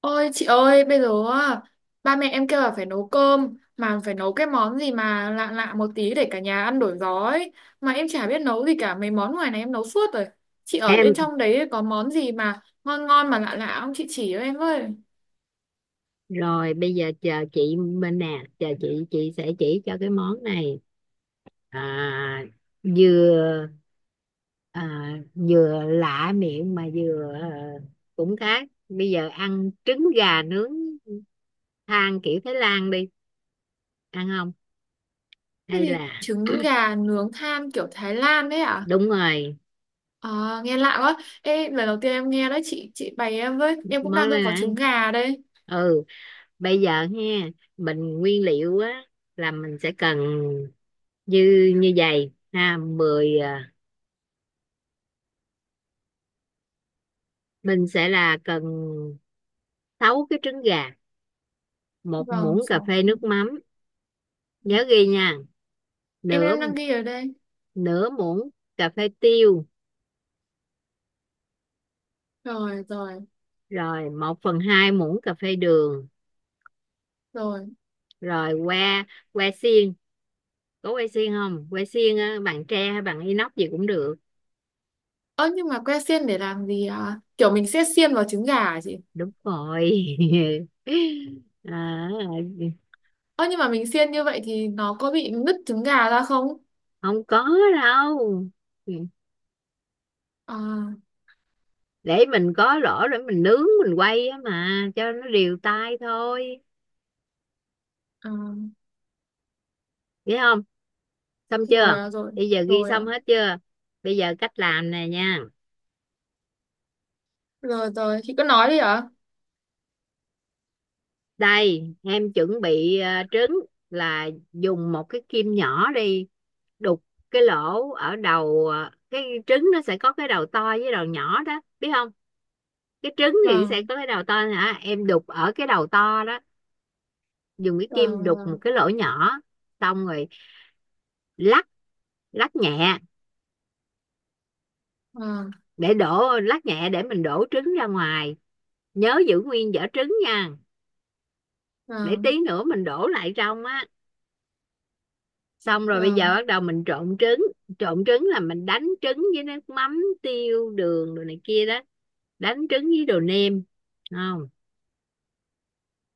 Ôi chị ơi, bây giờ á, ba mẹ em kêu là phải nấu cơm mà phải nấu cái món gì mà lạ lạ một tí để cả nhà ăn đổi gió ấy. Mà em chả biết nấu gì cả, mấy món ngoài này em nấu suốt rồi. Chị ở bên Em. trong đấy có món gì mà ngon ngon mà lạ lạ không chị chỉ cho em với. Rồi bây giờ chờ chị Minh nè, chờ chị sẽ chỉ cho cái món này, à, vừa vừa lạ miệng, mà vừa cũng khác. Bây giờ ăn trứng gà nướng than kiểu Thái Lan đi, ăn không? Cái Hay gì là... trứng gà nướng than kiểu Thái Lan đấy à? đúng rồi, À, nghe lạ quá. Ê, lần đầu tiên em nghe đấy, chị bày em với. Em cũng đang món này có nè. trứng gà đây. Ừ, bây giờ ha mình nguyên liệu á là mình sẽ cần như như vậy ha. Mình sẽ là cần 6 cái trứng gà, một muỗng Vâng, cà sáu. phê nước mắm. Nhớ ghi nha. Em nửa em đang ghi ở đây. nửa muỗng cà phê tiêu, Rồi, rồi, rồi một phần hai muỗng cà phê đường. rồi. Rồi que que xiên, có que xiên không? Que xiên á, bằng tre hay bằng inox gì cũng được. Ơ nhưng mà que xiên để làm gì à? Kiểu mình sẽ xiên vào trứng gà hả chị? Đúng rồi. À, Ơ nhưng mà mình xiên như vậy thì nó có bị nứt trứng gà ra không? không có đâu, À, để mình có lỗ để mình nướng mình quay á, mà cho nó đều tay thôi. à Vậy không, xong rồi, chưa? à rồi, Bây giờ ghi rồi, xong à hết chưa? Bây giờ cách làm nè nha. rồi, rồi chị cứ nói đi ạ. Đây em chuẩn bị trứng, là dùng một cái kim nhỏ đi đục cái lỗ ở đầu. Ờ, cái trứng nó sẽ có cái đầu to với đầu nhỏ đó, biết không? Cái trứng thì sẽ Vâng, có cái đầu to hả, em đục ở cái đầu to đó, dùng cái kim vâng, đục một vâng, cái lỗ nhỏ. Xong rồi lắc, lắc nhẹ vâng, để đổ, lắc nhẹ để mình đổ trứng ra ngoài. Nhớ giữ nguyên vỏ trứng nha, để vâng, tí nữa mình đổ lại trong á. Xong rồi bây giờ vâng, bắt đầu mình trộn trứng. Trộn trứng là mình đánh trứng với nước mắm, tiêu, đường, đồ này kia đó. Đánh trứng với đồ nêm, không?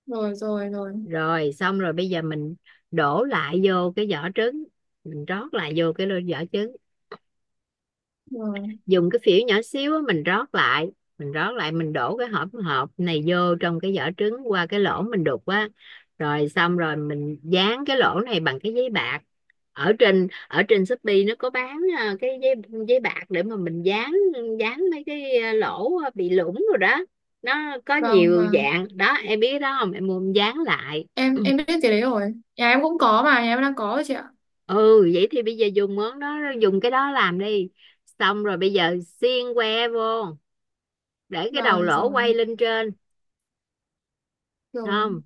rồi, rồi, rồi, Rồi xong rồi bây giờ mình đổ lại vô cái vỏ trứng, mình rót lại vô cái lô vỏ trứng. rồi, Dùng cái phễu nhỏ xíu mình rót lại, mình đổ cái hỗn hợp này vô trong cái vỏ trứng qua cái lỗ mình đục á. Rồi xong rồi mình dán cái lỗ này bằng cái giấy bạc. Ở trên Shopee nó có bán à, cái giấy, giấy bạc để mà mình dán, dán mấy cái lỗ bị lủng rồi đó. Nó có vâng, nhiều vâng, dạng đó em biết đó không, em mua em dán lại. em biết cái đấy rồi, nhà em cũng có, mà nhà em đang có rồi chị ạ. Ừ, vậy thì bây giờ dùng món đó dùng cái đó làm đi. Xong rồi bây giờ xiên que vô, để cái đầu Rồi, lỗ rồi, quay lên trên, rồi, không?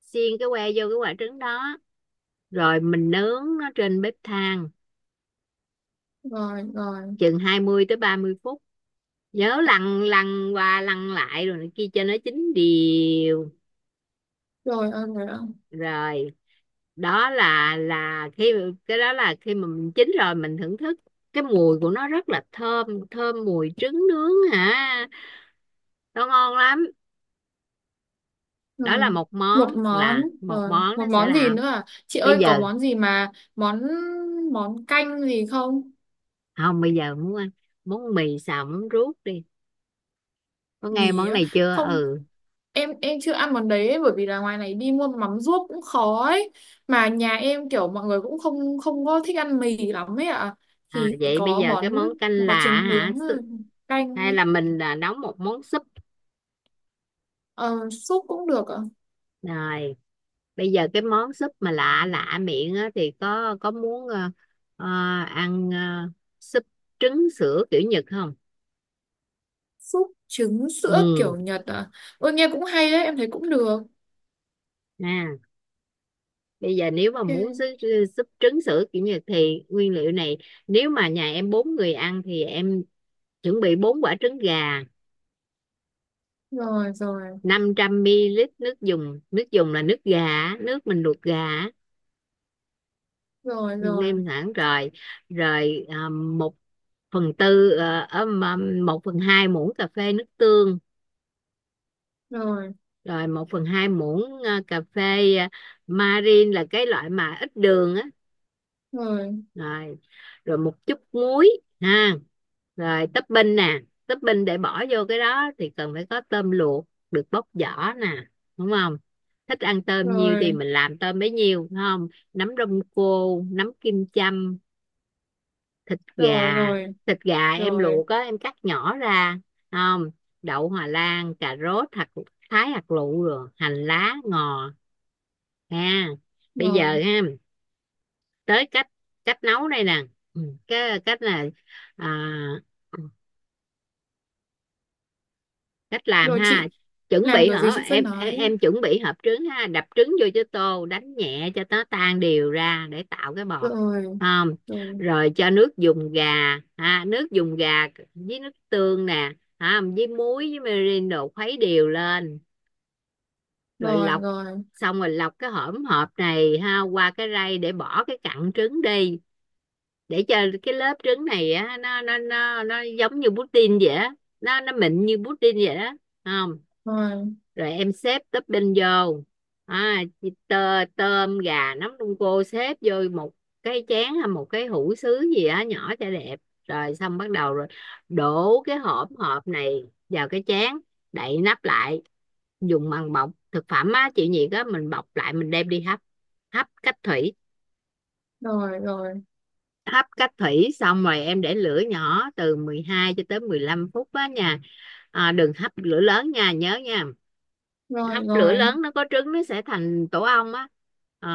Xiên cái que vô cái quả trứng đó, rồi mình nướng nó trên bếp than rồi, rồi, chừng 20-30 phút. Nhớ lăn, lăn qua lăn lại rồi kia cho nó chín đều. rồi, ơn rồi ạ. Rồi đó là khi... cái đó là khi mà mình chín rồi mình thưởng thức, cái mùi của nó rất là thơm, thơm mùi trứng nướng hả, nó ngon lắm. Đó là Rồi một món, một món, là một rồi món một nó sẽ món gì là... nữa à chị bây ơi, có giờ món gì mà món, món canh gì không? không, bây giờ muốn ăn món mì xào món ruốc đi. Có nghe Mì món á? này chưa? Không, Ừ. em chưa ăn món đấy ấy, bởi vì là ngoài này đi mua mắm ruốc cũng khó ấy, mà nhà em kiểu mọi người cũng không không có thích ăn mì lắm ấy ạ à. À, Thì vậy bây có giờ cái món, món canh có là trứng hả, nướng rồi, canh. hay là mình là nấu một món súp. Ờ, Súp cũng được ạ. Rồi bây giờ cái món súp mà lạ lạ miệng á, thì có muốn ờ, ăn súp trứng sữa kiểu Nhật không? Súp trứng sữa Ừ. kiểu Nhật à? Ôi nghe cũng hay đấy, em thấy cũng được. À, bây giờ nếu mà muốn súp, OK. súp trứng sữa kiểu Nhật thì nguyên liệu này. Nếu mà nhà em bốn người ăn thì em chuẩn bị bốn quả trứng gà, Rồi, rồi, 500 ml nước dùng, nước dùng là nước gà, nước mình luộc gà á, rồi, rồi, nêm sẵn rồi. Rồi một phần tư một phần hai muỗng cà phê nước tương, rồi, rồi một phần hai muỗng cà phê marin là cái loại mà ít đường á. rồi, Rồi, rồi một chút muối ha. Rồi topping nè, topping để bỏ vô cái đó thì cần phải có tôm luộc được bóc vỏ nè, đúng không? Thích ăn tôm nhiều thì rồi, mình làm tôm bấy nhiêu, đúng không? Nấm đông cô, nấm kim châm, thịt rồi, gà. rồi, Thịt gà em rồi, luộc á em cắt nhỏ ra, đúng không? Đậu hòa lan, cà rốt hạt thái hạt lựu, rồi hành lá, ngò ha. Bây giờ rồi, ha tới cách, cách nấu đây nè. Ừ, cái cách là à, cách làm rồi ha. chị, Chuẩn làm bị kiểu gì hả chị cứ em, em nói. em chuẩn bị hộp trứng ha, đập trứng vô cho tô đánh nhẹ cho nó tan đều ra để tạo cái bọt, Rồi, không? rồi, Rồi cho nước dùng gà ha, nước dùng gà với nước tương nè ha, với muối, với mirin đồ, khuấy đều lên. Rồi rồi, lọc, rồi, xong rồi lọc cái hỗn hợp này ha qua cái rây để bỏ cái cặn trứng đi, để cho cái lớp trứng này á nó giống như pudding vậy á, nó mịn như pudding vậy đó, không? rồi, Rồi em xếp topping vô, tôm gà nấm đông cô xếp vô một cái chén hay một cái hũ sứ gì á nhỏ cho đẹp. Rồi xong bắt đầu rồi, đổ cái hỗn hợp này vào cái chén, đậy nắp lại, dùng bằng bọc thực phẩm á chịu nhiệt á, mình bọc lại mình đem đi hấp, hấp cách thủy. rồi, rồi, Hấp cách thủy xong rồi em để lửa nhỏ từ 12-15 phút á nha. À, đừng hấp lửa lớn nha, nhớ nha. rồi, Hấp lửa rồi. lớn nó có trứng nó sẽ thành tổ ong á. À,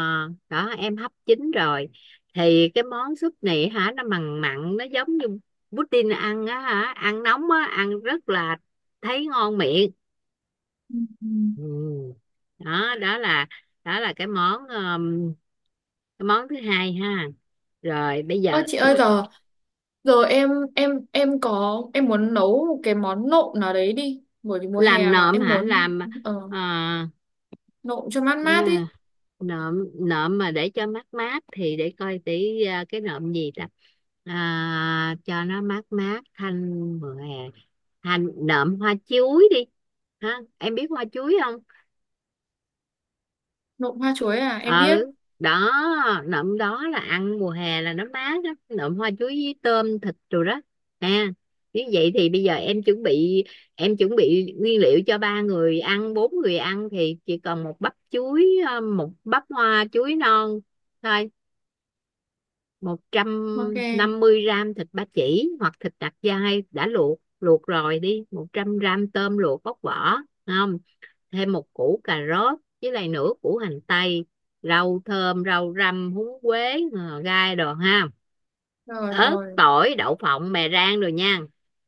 đó em hấp chín rồi thì cái món súp này hả, nó mặn mặn, nó giống như pudding ăn á hả, ăn nóng á, ăn rất là thấy ngon miệng. Ừ, ừ. Ừ. Đó đó là, đó là cái món thứ hai ha. Rồi bây Ơ giờ chị ơi giờ, giờ em, em có, em muốn nấu một cái món nộm nào đấy đi, bởi vì mùa làm hè mà nộm em hả, muốn, làm ờ, nộm cho mát à, mát đi. nộm, nộm mà để cho mát mát thì để coi tí à, cái nộm gì ta, à, cho nó mát mát thanh mùa hè. Hành nộm hoa chuối đi ha, em biết hoa chuối không? Nộm hoa chuối à, Ừ, em biết. đó. Nậm đó là ăn mùa hè là nó mát lắm, nậm hoa chuối với tôm thịt rồi đó nè. Như vậy thì bây giờ em chuẩn bị, em chuẩn bị nguyên liệu cho ba người ăn bốn người ăn thì chỉ còn một bắp chuối, một bắp hoa chuối non thôi. một trăm OK. năm mươi gram thịt ba chỉ hoặc thịt nạc dai đã luộc, luộc rồi đi, 100 g tôm luộc bóc vỏ, không? Thêm một củ cà rốt với lại nửa củ hành tây, rau thơm, rau răm, húng quế, gai đồ ha, Rồi, ớt, rồi, tỏi, đậu phộng, mè rang rồi nha.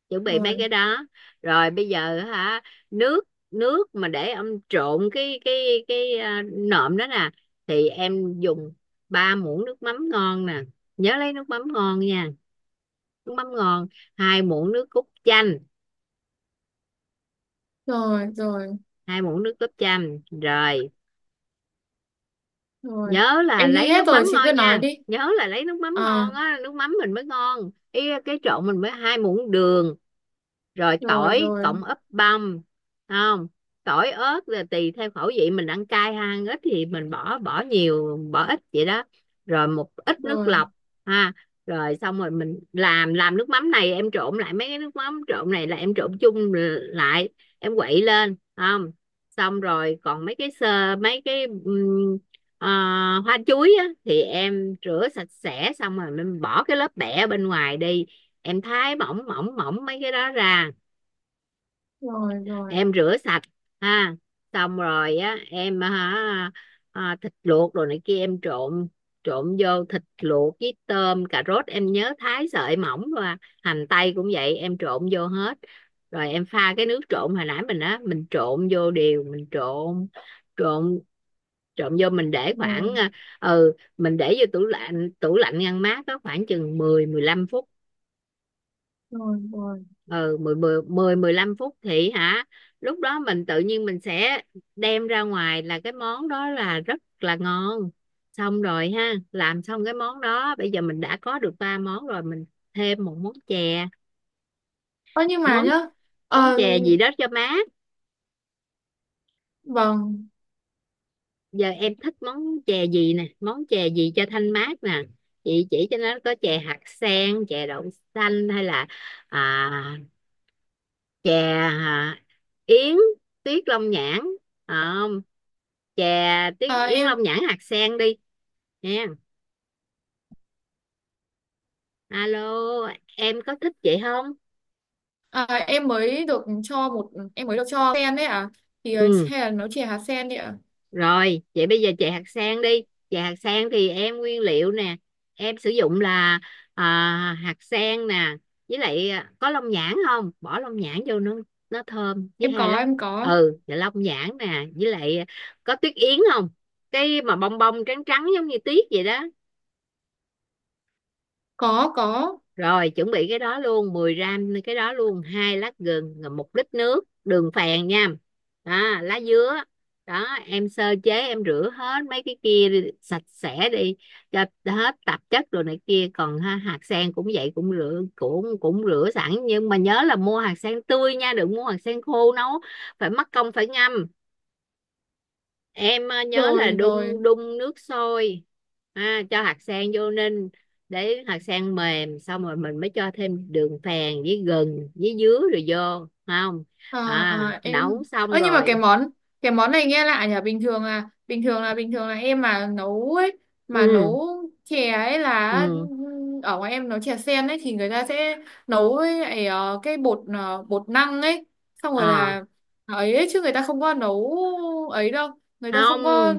Chuẩn bị rồi, mấy cái đó. Rồi bây giờ hả, nước, nước mà để ông trộn cái nộm đó nè, thì em dùng ba muỗng nước mắm ngon nè. Nhớ lấy nước mắm ngon nha, nước mắm ngon. Hai muỗng nước cốt chanh, rồi, rồi, hai muỗng nước cốt chanh rồi. rồi, Nhớ là em ghi lấy hết nước rồi mắm chị cứ ngon nói nha, đi. nhớ là lấy nước mắm À, ngon á, nước mắm mình mới ngon ý, cái trộn mình mới hai muỗng đường. Rồi rồi, tỏi rồi, cộng ớt băm, không? Tỏi ớt là tùy theo khẩu vị mình ăn cay hay ăn ít thì mình bỏ bỏ nhiều bỏ ít vậy đó. Rồi một ít nước rồi, lọc ha. Rồi xong rồi mình làm nước mắm này, em trộn lại mấy cái nước mắm trộn này là em trộn chung lại, em quậy lên không. Xong rồi còn mấy cái sơ mấy cái ờ, hoa chuối á, thì em rửa sạch sẽ xong rồi mình bỏ cái lớp bẹ bên ngoài đi, em thái mỏng mỏng mỏng mấy cái đó ra, rồi, rồi, em rửa sạch ha. Xong rồi á em hả, thịt luộc rồi này kia em trộn, trộn vô thịt luộc với tôm cà rốt em nhớ thái sợi mỏng và hành tây cũng vậy em trộn vô hết. Rồi em pha cái nước trộn hồi nãy mình á mình trộn vô đều, mình trộn trộn trộn vô, mình để khoảng rồi, ừ, mình để vô tủ lạnh, tủ lạnh ngăn mát có khoảng chừng mười mười lăm phút. rồi, rồi. Ừ, 10 10 10 15 phút thì hả, lúc đó mình tự nhiên mình sẽ đem ra ngoài là cái món đó là rất là ngon. Xong rồi ha làm xong cái món đó bây giờ mình đã có được ba món rồi, mình thêm một món chè, Ơ nhưng mà món... nhá. món ờ, chè gì đó cho mát. vâng. Giờ em thích món chè gì nè, món chè gì cho thanh mát nè, chị chỉ cho. Nó có chè hạt sen, chè đậu xanh hay là à, chè yến tuyết long nhãn. Ờ, chè tí Ờ, Yến em, Long nhãn hạt sen đi nha. Alo, em có thích vậy không? ờ, em mới được cho một, em mới được cho sen đấy à, thì Ừ. hay là nó chỉ hạt sen đấy ạ. Rồi vậy bây giờ chè hạt sen đi. Chè hạt sen thì em nguyên liệu nè, em sử dụng là à, hạt sen nè, với lại có long nhãn không? Bỏ long nhãn vô nó thơm, với Em hai có, lát. em có. Ừ, và long nhãn nè, với lại có tuyết yến không? Cái mà bông bông trắng trắng giống như tuyết vậy đó. Có, có. Rồi chuẩn bị cái đó luôn 10 gram cái đó luôn, hai lát gừng, rồi 1 lít nước đường phèn nha. Đó, lá dứa. Đó em sơ chế em rửa hết mấy cái kia đi, sạch sẽ đi cho hết tạp chất rồi này kia, còn ha hạt sen cũng vậy cũng rửa cũng cũng rửa sẵn nhưng mà nhớ là mua hạt sen tươi nha, đừng mua hạt sen khô nấu phải mất công phải ngâm. Em nhớ là Rồi, rồi. đun đun nước sôi ha, cho hạt sen vô ninh để hạt sen mềm, xong rồi mình mới cho thêm đường phèn với gừng với dứa rồi vô, không? Ờ, À ờ, em. nấu xong Ơ nhưng mà rồi. cái món, cái món này nghe lạ nhỉ, bình thường là bình thường là bình thường là em mà nấu ấy, mà Ừ, nấu chè ấy là ừ. Ở ngoài em nấu chè sen ấy thì người ta sẽ nấu với lại, cái bột, bột năng ấy, xong rồi À là ấy, ấy chứ người ta không có nấu ấy đâu, người ta không, không có,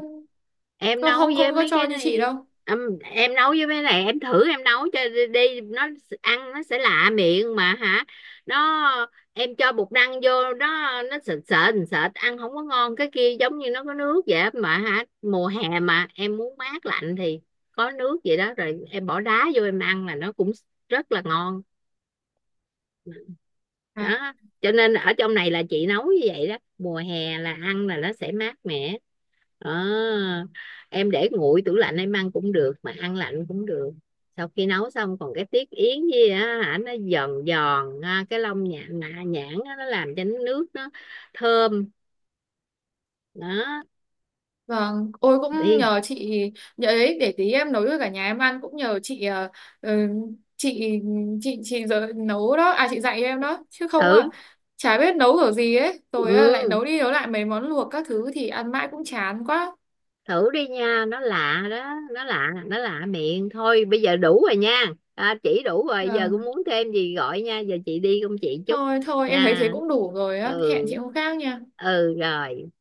em nấu không, với không có mấy cho cái như chị này, đâu. Em nấu với mấy này em thử em nấu cho đi, đi nó ăn nó sẽ lạ miệng mà hả. Nó... em cho bột năng vô nó sệt sệt sệt ăn không có ngon. Cái kia giống như nó có nước vậy á mà hả, mùa hè mà em muốn mát lạnh thì có nước vậy đó rồi em bỏ đá vô em ăn là nó cũng rất là ngon. Đó, cho nên ở trong này là chị nấu như vậy đó, mùa hè là ăn là nó sẽ mát mẻ. À, em để nguội tủ lạnh em ăn cũng được mà ăn lạnh cũng được. Sau khi nấu xong còn cái tiết yến gì á, hả nó giòn giòn ha, cái lông nhãn nhãn á, nó làm cho nước nó thơm. Đó Vâng, ôi cũng đi nhờ chị, nhờ ấy để tí em nấu cho cả nhà em ăn, cũng nhờ chị. Ờ, ừ, chị, chị giờ nấu đó, à chị dạy em đó chứ không à thử. chả biết nấu kiểu gì ấy, rồi à, lại Ừ, nấu đi nấu lại mấy món luộc các thứ thì ăn mãi cũng chán quá. thử đi nha, nó lạ đó, nó lạ, nó lạ miệng thôi. Bây giờ đủ rồi nha, à chỉ đủ rồi, giờ cũng Vâng, muốn thêm gì gọi nha, giờ chị đi công chị chút. thôi thôi em thấy thế Nha. cũng đủ rồi á, hẹn chị Ừ. hôm khác nha. Ừ rồi.